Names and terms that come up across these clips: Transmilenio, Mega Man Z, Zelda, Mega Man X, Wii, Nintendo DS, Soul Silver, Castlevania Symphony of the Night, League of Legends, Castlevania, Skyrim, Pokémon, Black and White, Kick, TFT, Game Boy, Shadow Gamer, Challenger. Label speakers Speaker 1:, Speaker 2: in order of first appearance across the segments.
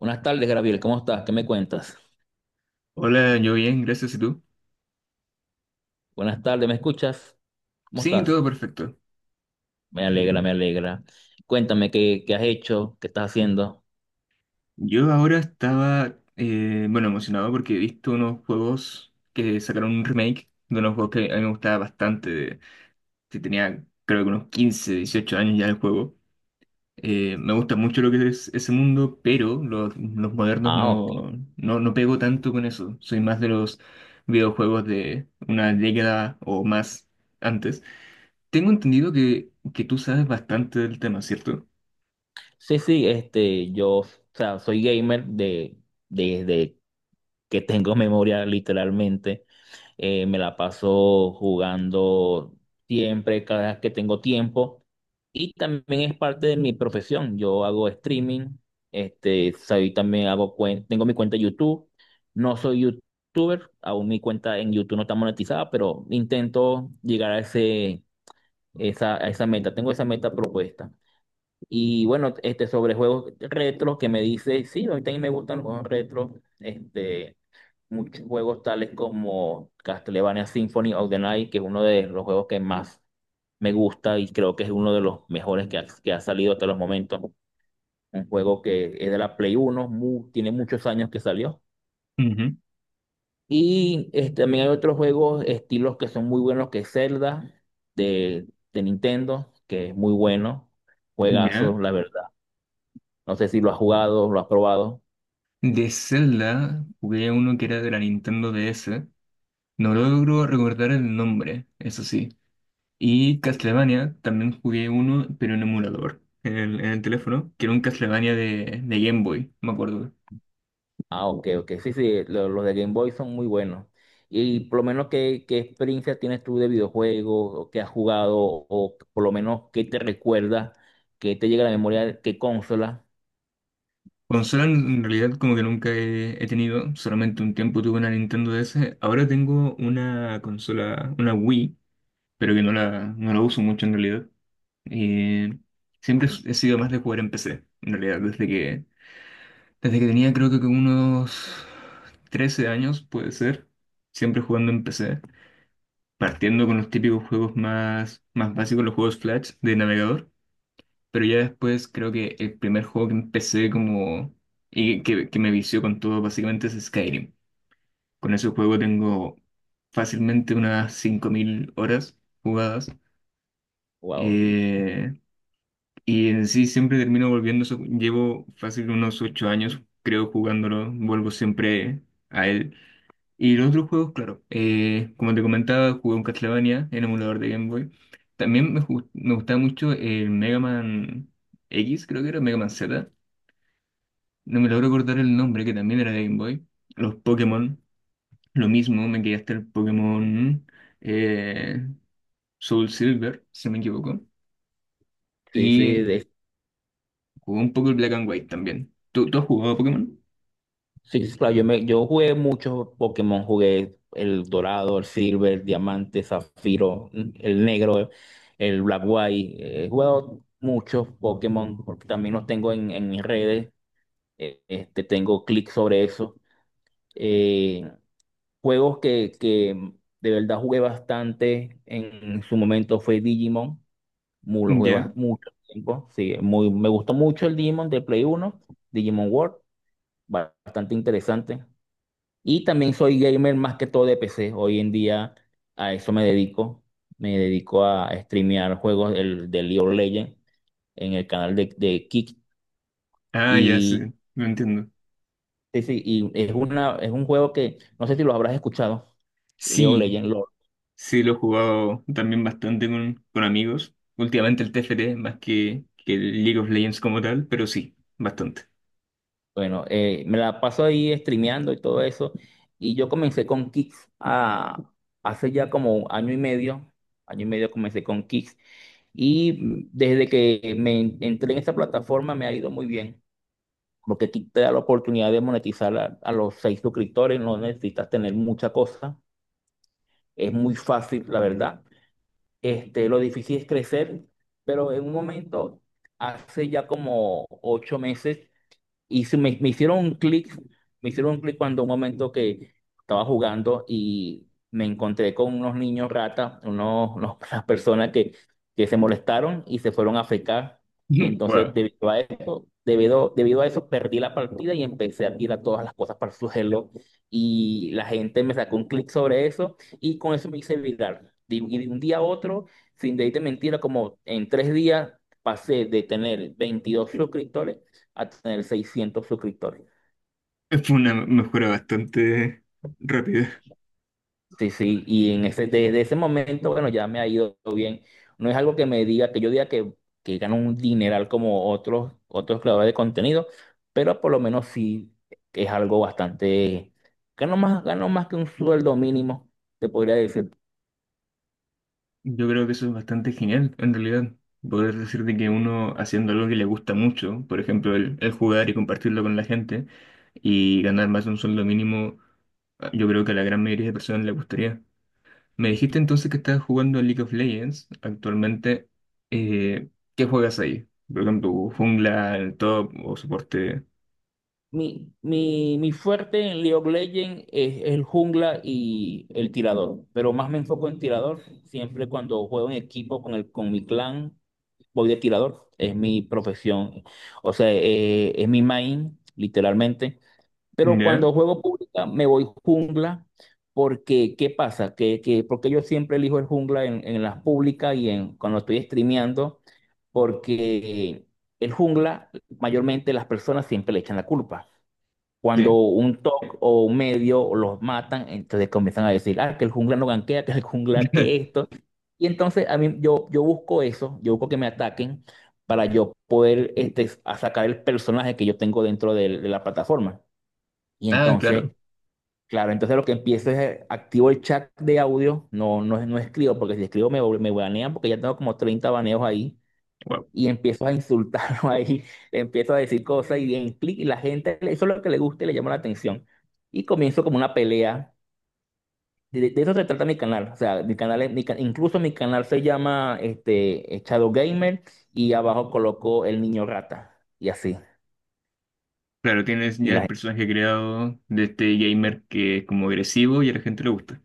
Speaker 1: Buenas tardes, Gabriel. ¿Cómo estás? ¿Qué me cuentas?
Speaker 2: Hola, yo bien, gracias. ¿Y tú?
Speaker 1: Buenas tardes, ¿me escuchas? ¿Cómo
Speaker 2: Sí,
Speaker 1: estás?
Speaker 2: todo perfecto.
Speaker 1: Me alegra, me alegra. Cuéntame qué has hecho, qué estás haciendo.
Speaker 2: Yo ahora estaba, bueno, emocionado porque he visto unos juegos que sacaron un remake de unos juegos que a mí me gustaba bastante. Que tenía, creo que unos 15, 18 años ya el juego. Me gusta mucho lo que es ese mundo, pero los modernos
Speaker 1: Ah, ok.
Speaker 2: no pego tanto con eso. Soy más de los videojuegos de una década o más antes. Tengo entendido que tú sabes bastante del tema, ¿cierto?
Speaker 1: Sí, sí, este, o sea, soy gamer desde que tengo memoria, literalmente. Me la paso jugando siempre, cada vez que tengo tiempo. Y también es parte de mi profesión. Yo hago streaming, este, tengo mi cuenta de YouTube. No soy youtuber, aún mi cuenta en YouTube no está monetizada, pero intento llegar a esa meta. Tengo esa meta propuesta. Y bueno, este, sobre juegos retro que me dice, sí, a mí también me gustan los juegos retro. Este, muchos juegos tales como Castlevania Symphony of the Night, que es uno de los juegos que más me gusta y creo que es uno de los mejores que que ha salido hasta los momentos. Un juego que es de la Play Uno tiene muchos años que salió.
Speaker 2: Ujú.
Speaker 1: Y este, también hay otros juegos, estilos que son muy buenos, que es Zelda de, de Nintendo, que es muy bueno. Juegazo,
Speaker 2: ¿Ya?
Speaker 1: la verdad. No sé si lo has jugado, lo has probado.
Speaker 2: De Zelda, jugué uno que era de la Nintendo DS. No logro recordar el nombre, eso sí. Y Castlevania, también jugué uno, pero en emulador, en el teléfono, que era un Castlevania de Game Boy, me acuerdo.
Speaker 1: Ah, ok, ok. Sí, sí, los de Game Boy son muy buenos. Y por lo menos, ¿qué, qué experiencia tienes tú de videojuegos? ¿O qué has jugado? ¿O por lo menos qué te recuerda? ¿Qué te llega a la memoria? ¿Qué consola?
Speaker 2: Consola en realidad como que nunca he tenido, solamente un tiempo tuve una Nintendo DS. Ahora tengo una consola, una Wii, pero que no la uso mucho en realidad. Eh, Siempre he sido más de jugar en PC, en realidad, desde que tenía creo que unos 13 años, puede ser, siempre jugando en PC, partiendo con los típicos juegos más básicos, los juegos Flash de navegador, pero ya después creo que el primer juego que empecé como que me vició con todo básicamente es Skyrim. Con ese juego tengo fácilmente unas 5.000 horas jugadas
Speaker 1: Wow.
Speaker 2: eh, y en sí siempre termino volviendo, llevo fácil unos 8 años creo jugándolo, vuelvo siempre a él. Y los otros juegos, claro, como te comentaba, jugué un Castlevania en emulador de Game Boy. También me gustaba mucho el Mega Man X, creo que era, Mega Man Z. No me logro acordar el nombre, que también era de Game Boy. Los Pokémon, lo mismo, me quedé hasta el Pokémon eh, Soul Silver, si no me equivoco.
Speaker 1: Sí, sí,
Speaker 2: Y
Speaker 1: de-
Speaker 2: jugué un poco el Black and White también. ¿¿Tú has jugado a Pokémon?
Speaker 1: sí, sí, claro. Yo jugué muchos Pokémon. Jugué el dorado, el silver, el diamante, zafiro, el negro, el black white. He jugado muchos Pokémon porque también los tengo en mis redes. Este, tengo clic sobre eso. Eh, Juegos que de verdad jugué bastante en su momento fue Digimon. Lo jugué
Speaker 2: Ya.
Speaker 1: mucho tiempo. Sí, me gustó mucho el Digimon de Play Uno, Digimon World, bastante interesante. Y también soy gamer más que todo de PC. Hoy en día a eso me dedico. Me dedico a streamear juegos de League of Legends en el canal de Kick.
Speaker 2: Ah, ya, sí,
Speaker 1: Y,
Speaker 2: lo entiendo.
Speaker 1: sí, sí, y es una, es un juego que no sé si lo habrás escuchado, League of
Speaker 2: Sí,
Speaker 1: Legends.
Speaker 2: sí, lo he jugado también bastante con amigos. Últimamente el TFT, más que el League of Legends como tal, pero sí, bastante.
Speaker 1: Bueno, me la paso ahí streameando y todo eso. Y yo comencé con hace ya como año y medio. Año y medio comencé con Kicks. Y desde que entré en esa plataforma me ha ido muy bien. Porque Kicks te da la oportunidad de monetizar a los 6 suscriptores. No necesitas tener mucha cosa. Es muy fácil, la verdad. Este, lo difícil es crecer. Pero en un momento, hace ya como 8 meses. Y me hicieron un clic, me hicieron un clic cuando un momento que estaba jugando y me encontré con unos niños ratas, unas personas que se molestaron y se fueron a fecar. Y entonces,
Speaker 2: Wow.
Speaker 1: debido a eso, debido a eso, perdí la partida y empecé a tirar todas las cosas para el suelo. Y la gente me sacó un clic sobre eso y con eso me hice viral. Y de un día a otro, sin decirte mentira, como en tres días pasé de tener 22 suscriptores a tener 600 suscriptores.
Speaker 2: Fue una mejora bastante rápida.
Speaker 1: Sí, sí, y en ese, desde ese momento, bueno, ya me ha ido bien. No es algo que me diga, que yo diga que gano un dineral como otros, otros creadores de contenido, pero por lo menos sí es algo bastante, gano más que un sueldo mínimo, te podría decir.
Speaker 2: Yo creo que eso es bastante genial, en realidad. Poder decir de que uno haciendo algo que le gusta mucho, por ejemplo, el jugar y compartirlo con la gente, y ganar más de un sueldo mínimo, ah, yo creo que a la gran mayoría de personas le gustaría. Me dijiste entonces que estás jugando a League of Legends actualmente. Eh, ¿Qué juegas ahí? Por ejemplo, jungla, el top o soporte.
Speaker 1: Mi fuerte en League of Legends es el jungla y el tirador, pero más me enfoco en tirador, siempre cuando juego en equipo con mi clan voy de tirador, es mi profesión, o sea, es mi main, literalmente. Pero
Speaker 2: ¿Ya?
Speaker 1: cuando juego pública me voy jungla, porque ¿qué pasa? Porque yo siempre elijo el jungla en las públicas y en, cuando estoy streameando, porque el jungla, mayormente las personas siempre le echan la culpa. Cuando
Speaker 2: Sí.
Speaker 1: un top o un medio los matan, entonces comienzan a decir, ah, que el jungla no ganquea, que el jungla que esto. Y entonces yo busco eso, yo busco que me ataquen para yo poder este, a sacar el personaje que yo tengo dentro la plataforma. Y
Speaker 2: Ah, claro.
Speaker 1: entonces, claro, entonces lo que empiezo es activo el chat de audio, no escribo, porque si escribo me banean porque ya tengo como 30 baneos ahí
Speaker 2: Wow.
Speaker 1: y empiezo a insultarlo ahí, le empiezo a decir cosas y, en clic, y la gente, eso es lo que le gusta y le llama la atención. Y comienzo como una pelea. De eso se trata mi canal. O sea, mi canal, es- mi ca- incluso mi canal se llama este, Shadow Gamer y abajo coloco El Niño Rata y así.
Speaker 2: Claro, tienes
Speaker 1: Y
Speaker 2: ya el
Speaker 1: la
Speaker 2: personaje creado de este gamer que es como agresivo y a la gente le gusta.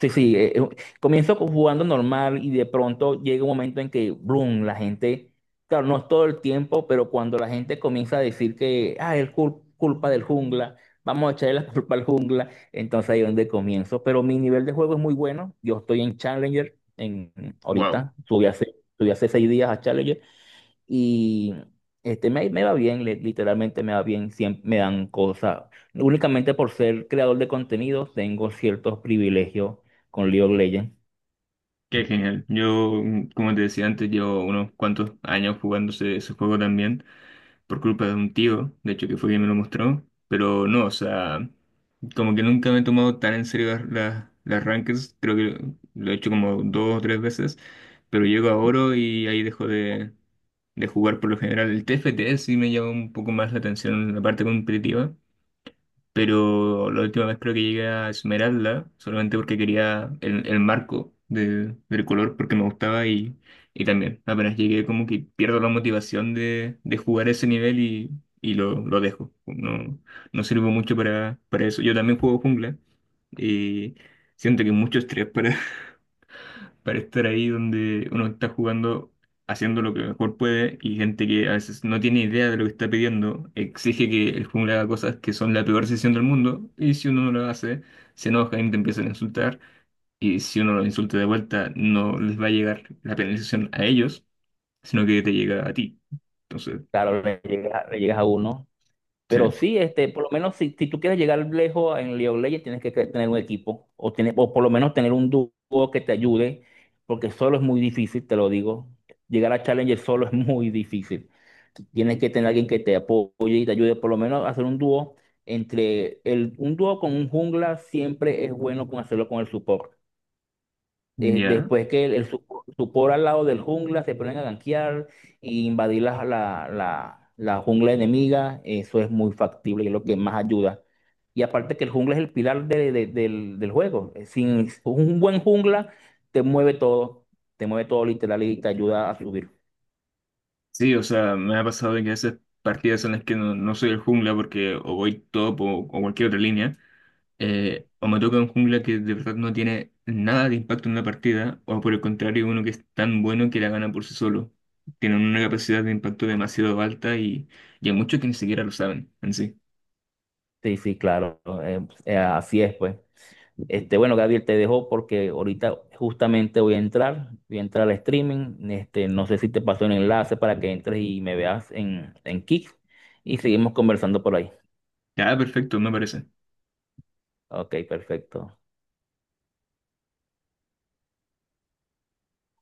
Speaker 1: Sí, sí, comienzo jugando normal y de pronto llega un momento en que, boom, la gente, claro, no es todo el tiempo, pero cuando la gente comienza a decir que, ah, es culpa del jungla, vamos a echarle la culpa al jungla, entonces ahí es donde comienzo. Pero mi nivel de juego es muy bueno, yo estoy en Challenger, en,
Speaker 2: Wow.
Speaker 1: ahorita, subí hace 6 días a Challenger y este, me va bien, literalmente me va bien, siempre me dan cosas. Únicamente por ser creador de contenido tengo ciertos privilegios con League of Legends.
Speaker 2: Qué genial. Yo, mm, como te decía antes, llevo unos cuantos años jugando ese juego también. Por culpa de un tío, de hecho que fue quien me lo mostró, pero no, o sea, como que nunca me he tomado tan en serio las rankings, creo que lo he hecho como dos o tres veces, pero llego a oro y ahí dejo de jugar por lo general. El TFT sí me llama un poco más la atención en la parte competitiva, pero la última vez creo que llegué a Esmeralda solamente porque quería el marco del color porque me gustaba y también apenas llegué como que pierdo la motivación de jugar ese nivel y, lo dejo. No, no sirvo mucho para eso. Yo también juego jungla y siento que es mucho estrés para estar ahí donde uno está jugando, haciendo lo que mejor puede, y gente que a veces no tiene idea de lo que está pidiendo, exige que el jungla haga cosas que son la peor decisión del mundo, y si uno no lo hace, se enoja y te empiezan a insultar, y si uno lo insulta de vuelta, no les va a llegar la penalización a ellos, sino que te llega a ti. Entonces,
Speaker 1: Claro, le llegas a uno. Pero
Speaker 2: sí,
Speaker 1: sí, este, por lo menos si tú quieres llegar lejos en League of Legends, tienes que tener un equipo o por lo menos tener un dúo que te ayude, porque solo es muy difícil, te lo digo. Llegar a Challenger solo es muy difícil. Tienes que tener alguien que te apoye y te ayude, por lo menos hacer un dúo un dúo con un jungla siempre es bueno con hacerlo con el support
Speaker 2: ya.
Speaker 1: después que el supor al lado del jungla se ponen a gankear e invadir la jungla enemiga, eso es muy factible y es lo que más ayuda. Y aparte que el jungla es el pilar del juego. Sin un buen jungla te mueve todo, te mueve todo literal y te ayuda a subir.
Speaker 2: Sí, o sea, me ha pasado de que a veces partidas en las que no, no soy el jungla porque o voy top o cualquier otra línea o me toca un jungla que de verdad no tiene nada de impacto en la partida, o por el contrario, uno que es tan bueno que la gana por sí solo. Tienen una capacidad de impacto demasiado alta y hay muchos que ni siquiera lo saben en sí.
Speaker 1: Sí, sí, claro, así es, pues. Este, bueno, Gabriel, te dejo porque ahorita justamente voy a entrar al streaming. Este, no sé si te paso el enlace para que entres y me veas en Kick y seguimos conversando por ahí.
Speaker 2: Ya, perfecto, me parece.
Speaker 1: Ok, perfecto.